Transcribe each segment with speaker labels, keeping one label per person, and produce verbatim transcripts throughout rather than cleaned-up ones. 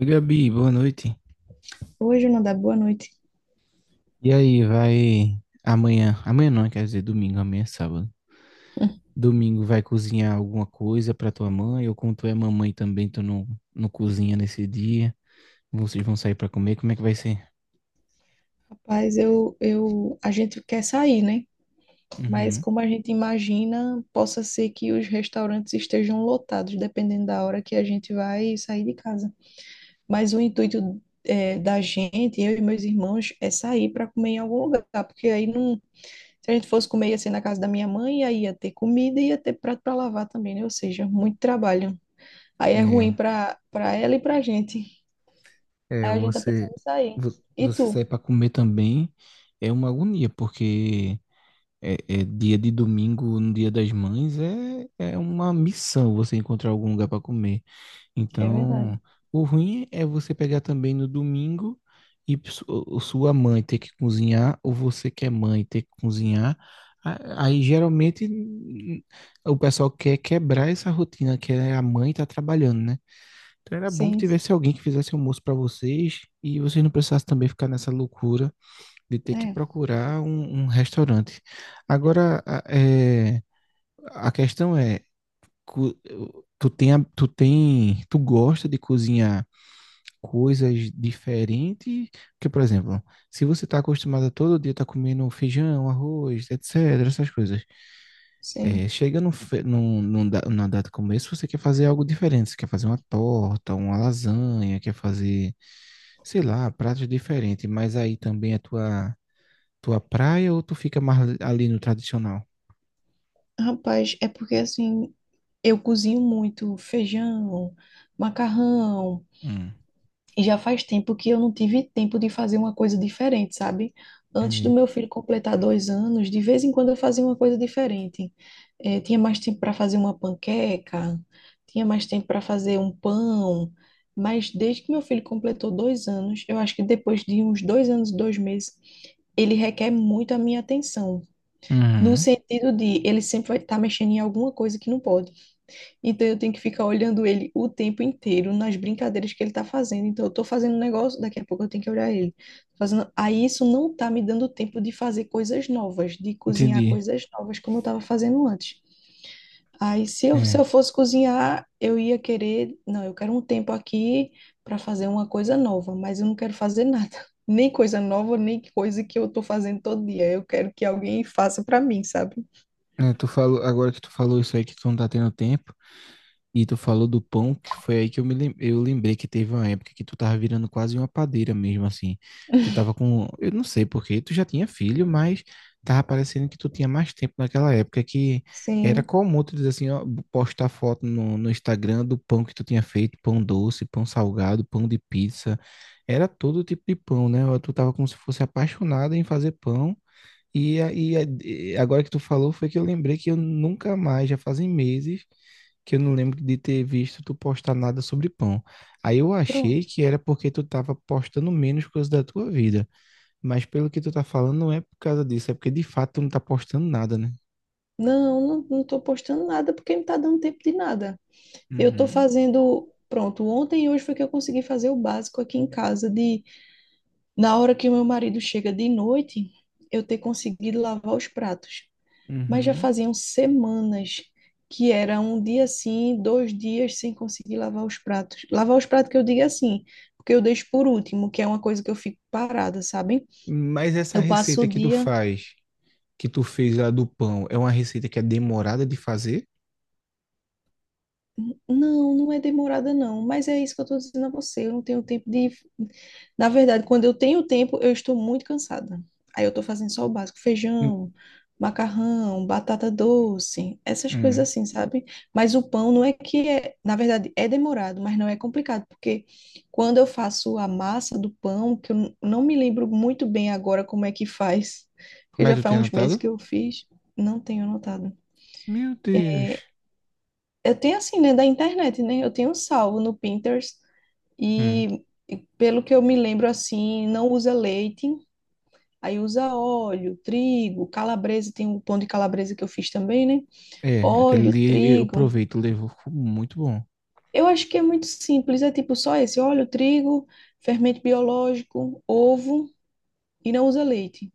Speaker 1: Oi, Gabi, boa noite.
Speaker 2: Hoje não dá boa noite.
Speaker 1: E aí, vai amanhã? Amanhã não, quer dizer, domingo, amanhã é sábado. Domingo vai cozinhar alguma coisa pra tua mãe, ou como tu é mamãe também, tu não, não cozinha nesse dia. Vocês vão sair pra comer, como é que vai ser?
Speaker 2: Rapaz, eu, eu, a gente quer sair, né? Mas
Speaker 1: Uhum.
Speaker 2: como a gente imagina, possa ser que os restaurantes estejam lotados, dependendo da hora que a gente vai sair de casa. Mas o intuito é, da gente, eu e meus irmãos, é sair para comer em algum lugar, tá? Porque aí não, se a gente fosse comer ia ser na casa da minha mãe, aí ia ter comida e ia ter prato para lavar também, né? Ou seja, muito trabalho. Aí é ruim
Speaker 1: É,
Speaker 2: para para ela e para a gente.
Speaker 1: é,
Speaker 2: Aí a gente tá
Speaker 1: você
Speaker 2: pensando em sair.
Speaker 1: vo-
Speaker 2: E
Speaker 1: você sair
Speaker 2: tu?
Speaker 1: pra comer também é uma agonia, porque é, é dia de domingo, no dia das mães, é, é uma missão você encontrar algum lugar pra comer.
Speaker 2: É verdade.
Speaker 1: Então, o ruim é você pegar também no domingo e su- o- sua mãe ter que cozinhar, ou você que é mãe ter que cozinhar. A- Aí geralmente n- o pessoal quer quebrar essa rotina que é a mãe tá trabalhando, né? Então era bom que
Speaker 2: Sim.
Speaker 1: tivesse alguém que fizesse almoço para vocês e vocês não precisassem também ficar nessa loucura de ter que
Speaker 2: É,
Speaker 1: procurar um, um restaurante. Agora, a- é, a questão é, cu- tu tem, a- tu tem, tu gosta de cozinhar coisas diferentes? Porque, por exemplo, se você está acostumado a todo dia estar comendo feijão, arroz, etcétera, essas coisas, é,
Speaker 2: sim.
Speaker 1: chega num, fe- num, num, da- numa data como essa, você quer fazer algo diferente. Você quer fazer uma torta, uma lasanha, quer fazer, sei lá, pratos diferentes. Mas aí também é tua, tua praia ou tu fica mais ali no tradicional?
Speaker 2: Rapaz, é porque assim, eu cozinho muito feijão, macarrão,
Speaker 1: Hum,
Speaker 2: e já faz tempo que eu não tive tempo de fazer uma coisa diferente, sabe? Antes do
Speaker 1: entendi.
Speaker 2: meu filho completar dois anos, de vez em quando eu fazia uma coisa diferente. Eh, tinha mais tempo para fazer uma panqueca, tinha mais tempo para fazer um pão, mas desde que meu filho completou dois anos, eu acho que depois de uns dois anos e dois meses, ele requer muito a minha atenção. No
Speaker 1: Uhum,
Speaker 2: sentido de ele sempre vai estar mexendo em alguma coisa que não pode. Então eu tenho que ficar olhando ele o tempo inteiro nas brincadeiras que ele está fazendo. Então eu estou fazendo um negócio, daqui a pouco eu tenho que olhar ele. Fazendo... Aí isso não está me dando tempo de fazer coisas novas, de cozinhar
Speaker 1: entendi.
Speaker 2: coisas novas como eu estava fazendo antes. Aí se eu, se
Speaker 1: É.
Speaker 2: eu fosse cozinhar, eu ia querer, não, eu quero um tempo aqui para fazer uma coisa nova, mas eu não quero fazer nada. Nem coisa nova, nem coisa que eu estou fazendo todo dia. Eu quero que alguém faça para mim, sabe?
Speaker 1: É, tu falou, agora que tu falou isso aí que tu não tá tendo tempo, e tu falou do pão, que foi aí que eu me lem- eu lembrei que teve uma época que tu tava virando quase uma padeira mesmo, assim. Tu tava com, eu não sei porquê, tu já tinha filho, mas tava parecendo que tu tinha mais tempo naquela época, que era
Speaker 2: Sim,
Speaker 1: comum tu dizer assim, ó, postar foto no, no Instagram do pão que tu tinha feito, pão doce, pão salgado, pão de pizza. Era todo tipo de pão, né? Tu tava como se fosse apaixonada em fazer pão e, a- e, a- e agora que tu falou, foi que eu lembrei que eu nunca mais, já fazem meses, que eu não lembro de ter visto tu postar nada sobre pão. Aí eu achei
Speaker 2: pronto.
Speaker 1: que era porque tu tava postando menos coisas da tua vida. Mas pelo que tu tá falando, não é por causa disso, é porque de fato tu não tá postando nada, né?
Speaker 2: Não, não, não tô postando nada porque não tá dando tempo de nada. Eu tô
Speaker 1: Uhum,
Speaker 2: fazendo, pronto, ontem e hoje foi que eu consegui fazer o básico aqui em casa de na hora que o meu marido chega de noite, eu ter conseguido lavar os pratos. Mas já
Speaker 1: uhum.
Speaker 2: faziam semanas que era um dia assim, dois dias sem conseguir lavar os pratos. Lavar os pratos que eu digo é assim, porque eu deixo por último, que é uma coisa que eu fico parada, sabe?
Speaker 1: Mas essa
Speaker 2: Eu passo o
Speaker 1: receita que tu
Speaker 2: dia.
Speaker 1: faz, que tu fez lá do pão, é uma receita que é demorada de fazer?
Speaker 2: Não, não é demorada, não. Mas é isso que eu estou dizendo a você. Eu não tenho tempo de. Na verdade, quando eu tenho tempo, eu estou muito cansada. Aí eu estou fazendo só o básico:
Speaker 1: Hum,
Speaker 2: feijão, macarrão, batata doce, essas
Speaker 1: hum.
Speaker 2: coisas assim, sabe? Mas o pão não é que é. Na verdade, é demorado, mas não é complicado. Porque quando eu faço a massa do pão, que eu n- não me lembro muito bem agora como é que faz, porque
Speaker 1: Mas
Speaker 2: já
Speaker 1: tu tem
Speaker 2: faz uns meses
Speaker 1: anotado?
Speaker 2: que eu fiz, não tenho anotado.
Speaker 1: Meu Deus.
Speaker 2: Eu tenho assim, né, da internet, né? Eu tenho salvo no Pinterest e, e pelo que eu me lembro assim, não usa leite, aí usa óleo, trigo, calabresa, tem um pão de calabresa que eu fiz também, né?
Speaker 1: É, aquele
Speaker 2: Óleo,
Speaker 1: ali eu
Speaker 2: trigo.
Speaker 1: aproveito, levou, ficou muito bom.
Speaker 2: Eu acho que é muito simples, é tipo só esse, óleo, trigo, fermento biológico, ovo e não usa leite.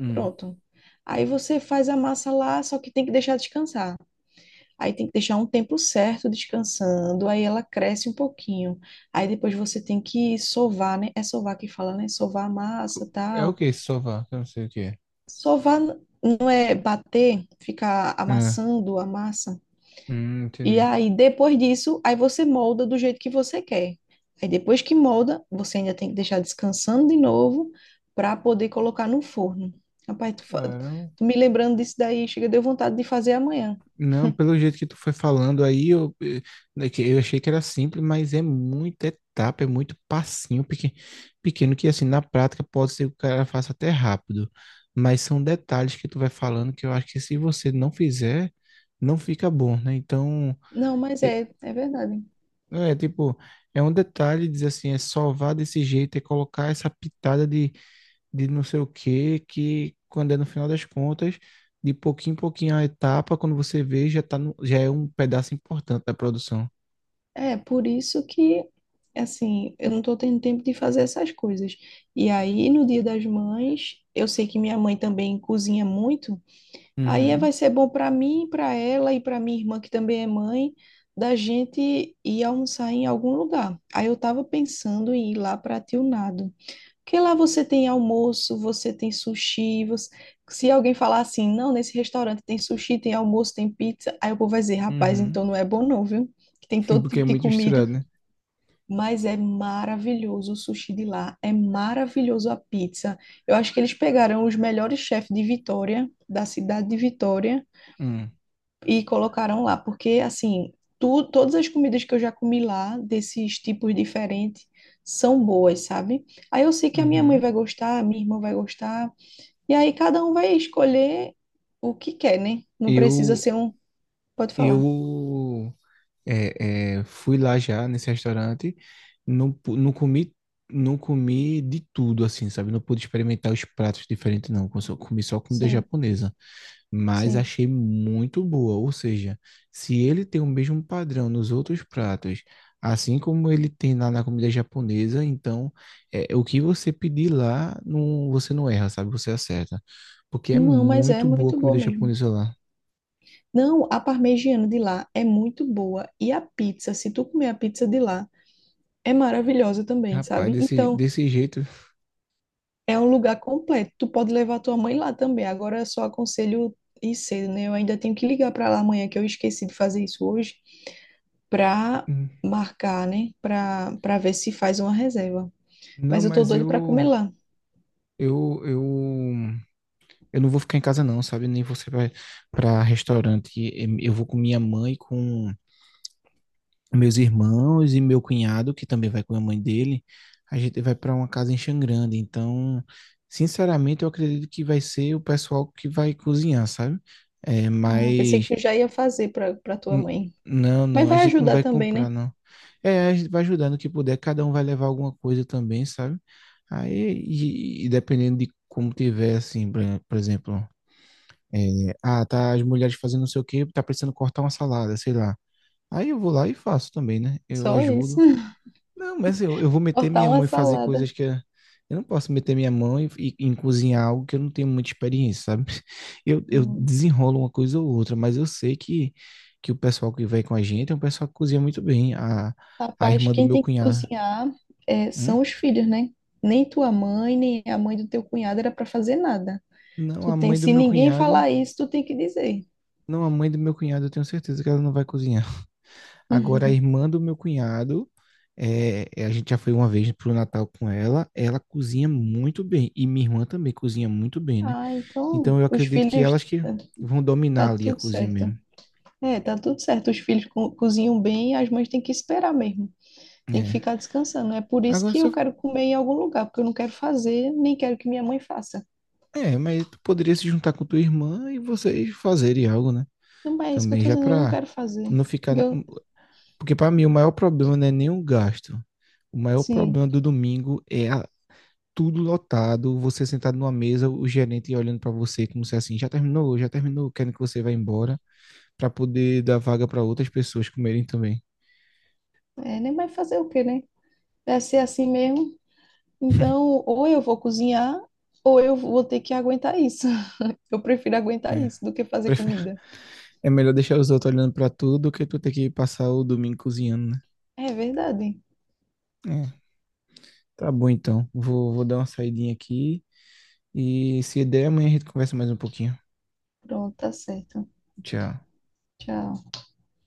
Speaker 1: Hum.
Speaker 2: Pronto. Aí você faz a massa lá, só que tem que deixar descansar. Aí tem que deixar um tempo certo descansando, aí ela cresce um pouquinho. Aí depois você tem que sovar, né? É sovar que fala, né? Sovar a massa,
Speaker 1: É o
Speaker 2: tal.
Speaker 1: que esse sofá? Eu não sei o que é.
Speaker 2: Sovar n- não é bater, ficar
Speaker 1: É.
Speaker 2: amassando a massa.
Speaker 1: Hum,
Speaker 2: E
Speaker 1: entendi.
Speaker 2: aí depois disso, aí você molda do jeito que você quer. Aí depois que molda, você ainda tem que deixar descansando de novo para poder colocar no forno. Rapaz, tu, fa-
Speaker 1: Caramba.
Speaker 2: tu me lembrando disso daí, chega, deu vontade de fazer amanhã.
Speaker 1: Não, pelo jeito que tu foi falando aí, eu, eh, é que eu achei que era simples, mas é muita etapa, é muito passinho pequeno, pequeno que assim, na prática pode ser que o cara faça até rápido, mas são detalhes que tu vai falando que eu acho que se você não fizer, não fica bom, né? Então,
Speaker 2: Não, mas é, é verdade.
Speaker 1: é, tipo, é um detalhe dizer assim, é salvar desse jeito, é colocar essa pitada de, de não sei o quê, que quando é no final das contas, de pouquinho em pouquinho a etapa, quando você vê, já tá no, já é um pedaço importante da produção.
Speaker 2: É, por isso que, assim, eu não tô tendo tempo de fazer essas coisas. E aí, no Dia das Mães, eu sei que minha mãe também cozinha muito. Aí é-
Speaker 1: Uhum,
Speaker 2: vai ser bom para mim, para ela e para minha irmã, que também é mãe, da gente ir almoçar em algum lugar. Aí eu tava pensando em ir lá para Tilnado. Porque lá você tem almoço, você tem sushi, você... Se alguém falar assim, não, nesse restaurante tem sushi, tem almoço, tem pizza, aí o povo vai dizer, rapaz,
Speaker 1: uhum,
Speaker 2: então não é bom não, viu? Que tem todo
Speaker 1: porque
Speaker 2: tipo
Speaker 1: é
Speaker 2: de
Speaker 1: muito
Speaker 2: comida.
Speaker 1: misturado, né?
Speaker 2: Mas é maravilhoso o sushi de lá, é maravilhoso a pizza. Eu acho que eles pegaram os melhores chefes de Vitória, da cidade de Vitória,
Speaker 1: Hum,
Speaker 2: e colocaram lá, porque assim, tu, todas as comidas que eu já comi lá, desses tipos diferentes, são boas, sabe? Aí eu sei que a minha mãe
Speaker 1: uhum.
Speaker 2: vai gostar, a minha irmã vai gostar, e aí cada um vai escolher o que quer, né? Não precisa
Speaker 1: Eu,
Speaker 2: ser um. Pode falar.
Speaker 1: eu É, é, fui lá já nesse restaurante, não, pu- não comi, não comi de tudo assim, sabe? Não pude experimentar os pratos diferentes não, com- só- comi só comida
Speaker 2: Sim,
Speaker 1: japonesa, mas
Speaker 2: sim.
Speaker 1: achei muito boa, ou seja, se ele tem o mesmo padrão nos outros pratos, assim como ele tem lá na comida japonesa, então é, o que você pedir lá, não, você não erra, sabe? Você acerta, porque é
Speaker 2: Não, mas é
Speaker 1: muito boa a
Speaker 2: muito boa
Speaker 1: comida
Speaker 2: mesmo.
Speaker 1: japonesa lá.
Speaker 2: Não, a parmegiana de lá é muito boa. E a pizza, se tu comer a pizza de lá, é maravilhosa também,
Speaker 1: Rapaz,
Speaker 2: sabe?
Speaker 1: desse,
Speaker 2: Então,
Speaker 1: desse jeito,
Speaker 2: é um lugar completo. Tu pode levar tua mãe lá também. Agora eu só aconselho ir cedo, né? Eu ainda tenho que ligar pra lá amanhã, que eu esqueci de fazer isso hoje, pra
Speaker 1: hum,
Speaker 2: marcar, né? Pra, pra ver se faz uma reserva.
Speaker 1: não,
Speaker 2: Mas eu tô
Speaker 1: mas
Speaker 2: doida pra comer
Speaker 1: eu
Speaker 2: lá.
Speaker 1: Eu, eu, eu não vou ficar em casa não, sabe? Nem você vai para restaurante. E- Eu vou com minha mãe, com meus irmãos e meu cunhado, que também vai com a mãe dele. A gente vai para uma casa em Xangrande. Então, sinceramente, eu acredito que vai ser o pessoal que vai cozinhar, sabe? É,
Speaker 2: Ah, pensei
Speaker 1: mas
Speaker 2: que tu já ia fazer pra, pra tua
Speaker 1: n-
Speaker 2: mãe.
Speaker 1: não,
Speaker 2: Mas
Speaker 1: não, a
Speaker 2: vai
Speaker 1: gente não
Speaker 2: ajudar
Speaker 1: vai
Speaker 2: também,
Speaker 1: comprar,
Speaker 2: né?
Speaker 1: não. É, a gente vai ajudando o que puder. Cada um vai levar alguma coisa também, sabe? Aí, e, e dependendo de como tiver, assim, por por exemplo. É, ah, tá as mulheres fazendo não sei o quê, tá precisando cortar uma salada, sei lá. Aí eu vou lá e faço também, né? Eu
Speaker 2: Só isso.
Speaker 1: ajudo. Não, mas assim, eu, eu vou meter
Speaker 2: Cortar
Speaker 1: minha
Speaker 2: uma
Speaker 1: mão e fazer coisas
Speaker 2: salada.
Speaker 1: que eu, eu não posso meter minha mão e, e- em cozinhar algo que eu não tenho muita experiência, sabe? Eu, eu
Speaker 2: Hum.
Speaker 1: desenrolo uma coisa ou outra, mas eu sei que, que o pessoal que vai com a gente é um pessoal que cozinha muito bem. A, a
Speaker 2: Rapaz,
Speaker 1: irmã do
Speaker 2: quem
Speaker 1: meu
Speaker 2: tem que
Speaker 1: cunhado.
Speaker 2: cozinhar é,
Speaker 1: Hum?
Speaker 2: são os filhos, né? Nem tua mãe, nem a mãe do teu cunhado era para fazer nada.
Speaker 1: Não,
Speaker 2: Tu
Speaker 1: a
Speaker 2: tem,
Speaker 1: mãe do
Speaker 2: se
Speaker 1: meu
Speaker 2: ninguém
Speaker 1: cunhado.
Speaker 2: falar isso, tu tem que dizer.
Speaker 1: Não, a mãe do meu cunhado, eu tenho certeza que ela não vai cozinhar. Agora, a irmã do meu cunhado, é, é, a gente já foi uma vez pro Natal com ela, ela cozinha muito bem. E minha irmã também cozinha muito bem, né?
Speaker 2: Ah, então
Speaker 1: Então, eu
Speaker 2: os
Speaker 1: acredito que elas
Speaker 2: filhos
Speaker 1: que vão
Speaker 2: tá
Speaker 1: dominar ali a
Speaker 2: tudo
Speaker 1: cozinha
Speaker 2: certo.
Speaker 1: mesmo.
Speaker 2: É, tá tudo certo. Os filhos co- cozinham bem, as mães têm que esperar mesmo. Tem que
Speaker 1: É.
Speaker 2: ficar descansando. É por isso
Speaker 1: Agora,
Speaker 2: que
Speaker 1: se
Speaker 2: eu
Speaker 1: eu-
Speaker 2: quero comer em algum lugar, porque eu não quero fazer, nem quero que minha mãe faça.
Speaker 1: é, mas tu poderia se juntar com tua irmã e vocês fazerem algo, né?
Speaker 2: Não, mas é isso que eu
Speaker 1: Também
Speaker 2: tô
Speaker 1: já
Speaker 2: dizendo, eu não
Speaker 1: pra
Speaker 2: quero fazer.
Speaker 1: não ficar... na-
Speaker 2: Eu,
Speaker 1: Porque pra mim, o maior problema não é nem o gasto. O maior
Speaker 2: sim,
Speaker 1: problema do domingo é a tudo lotado, você sentado numa mesa, o gerente olhando para você como se é assim, já terminou, já terminou, querendo que você vá embora, para poder dar vaga para outras pessoas comerem também.
Speaker 2: é, nem vai fazer o quê, né? Vai ser assim mesmo. Então, ou eu vou cozinhar, ou eu vou ter que aguentar isso. Eu prefiro aguentar
Speaker 1: É.
Speaker 2: isso do que fazer
Speaker 1: Prefe-
Speaker 2: comida.
Speaker 1: É melhor deixar os outros olhando para tudo do que tu ter que passar o domingo cozinhando, né?
Speaker 2: É verdade.
Speaker 1: É, tá bom então. Vou, vou dar uma saidinha aqui e se der, amanhã a gente conversa mais um pouquinho.
Speaker 2: Pronto, tá certo.
Speaker 1: Tchau.
Speaker 2: Tchau.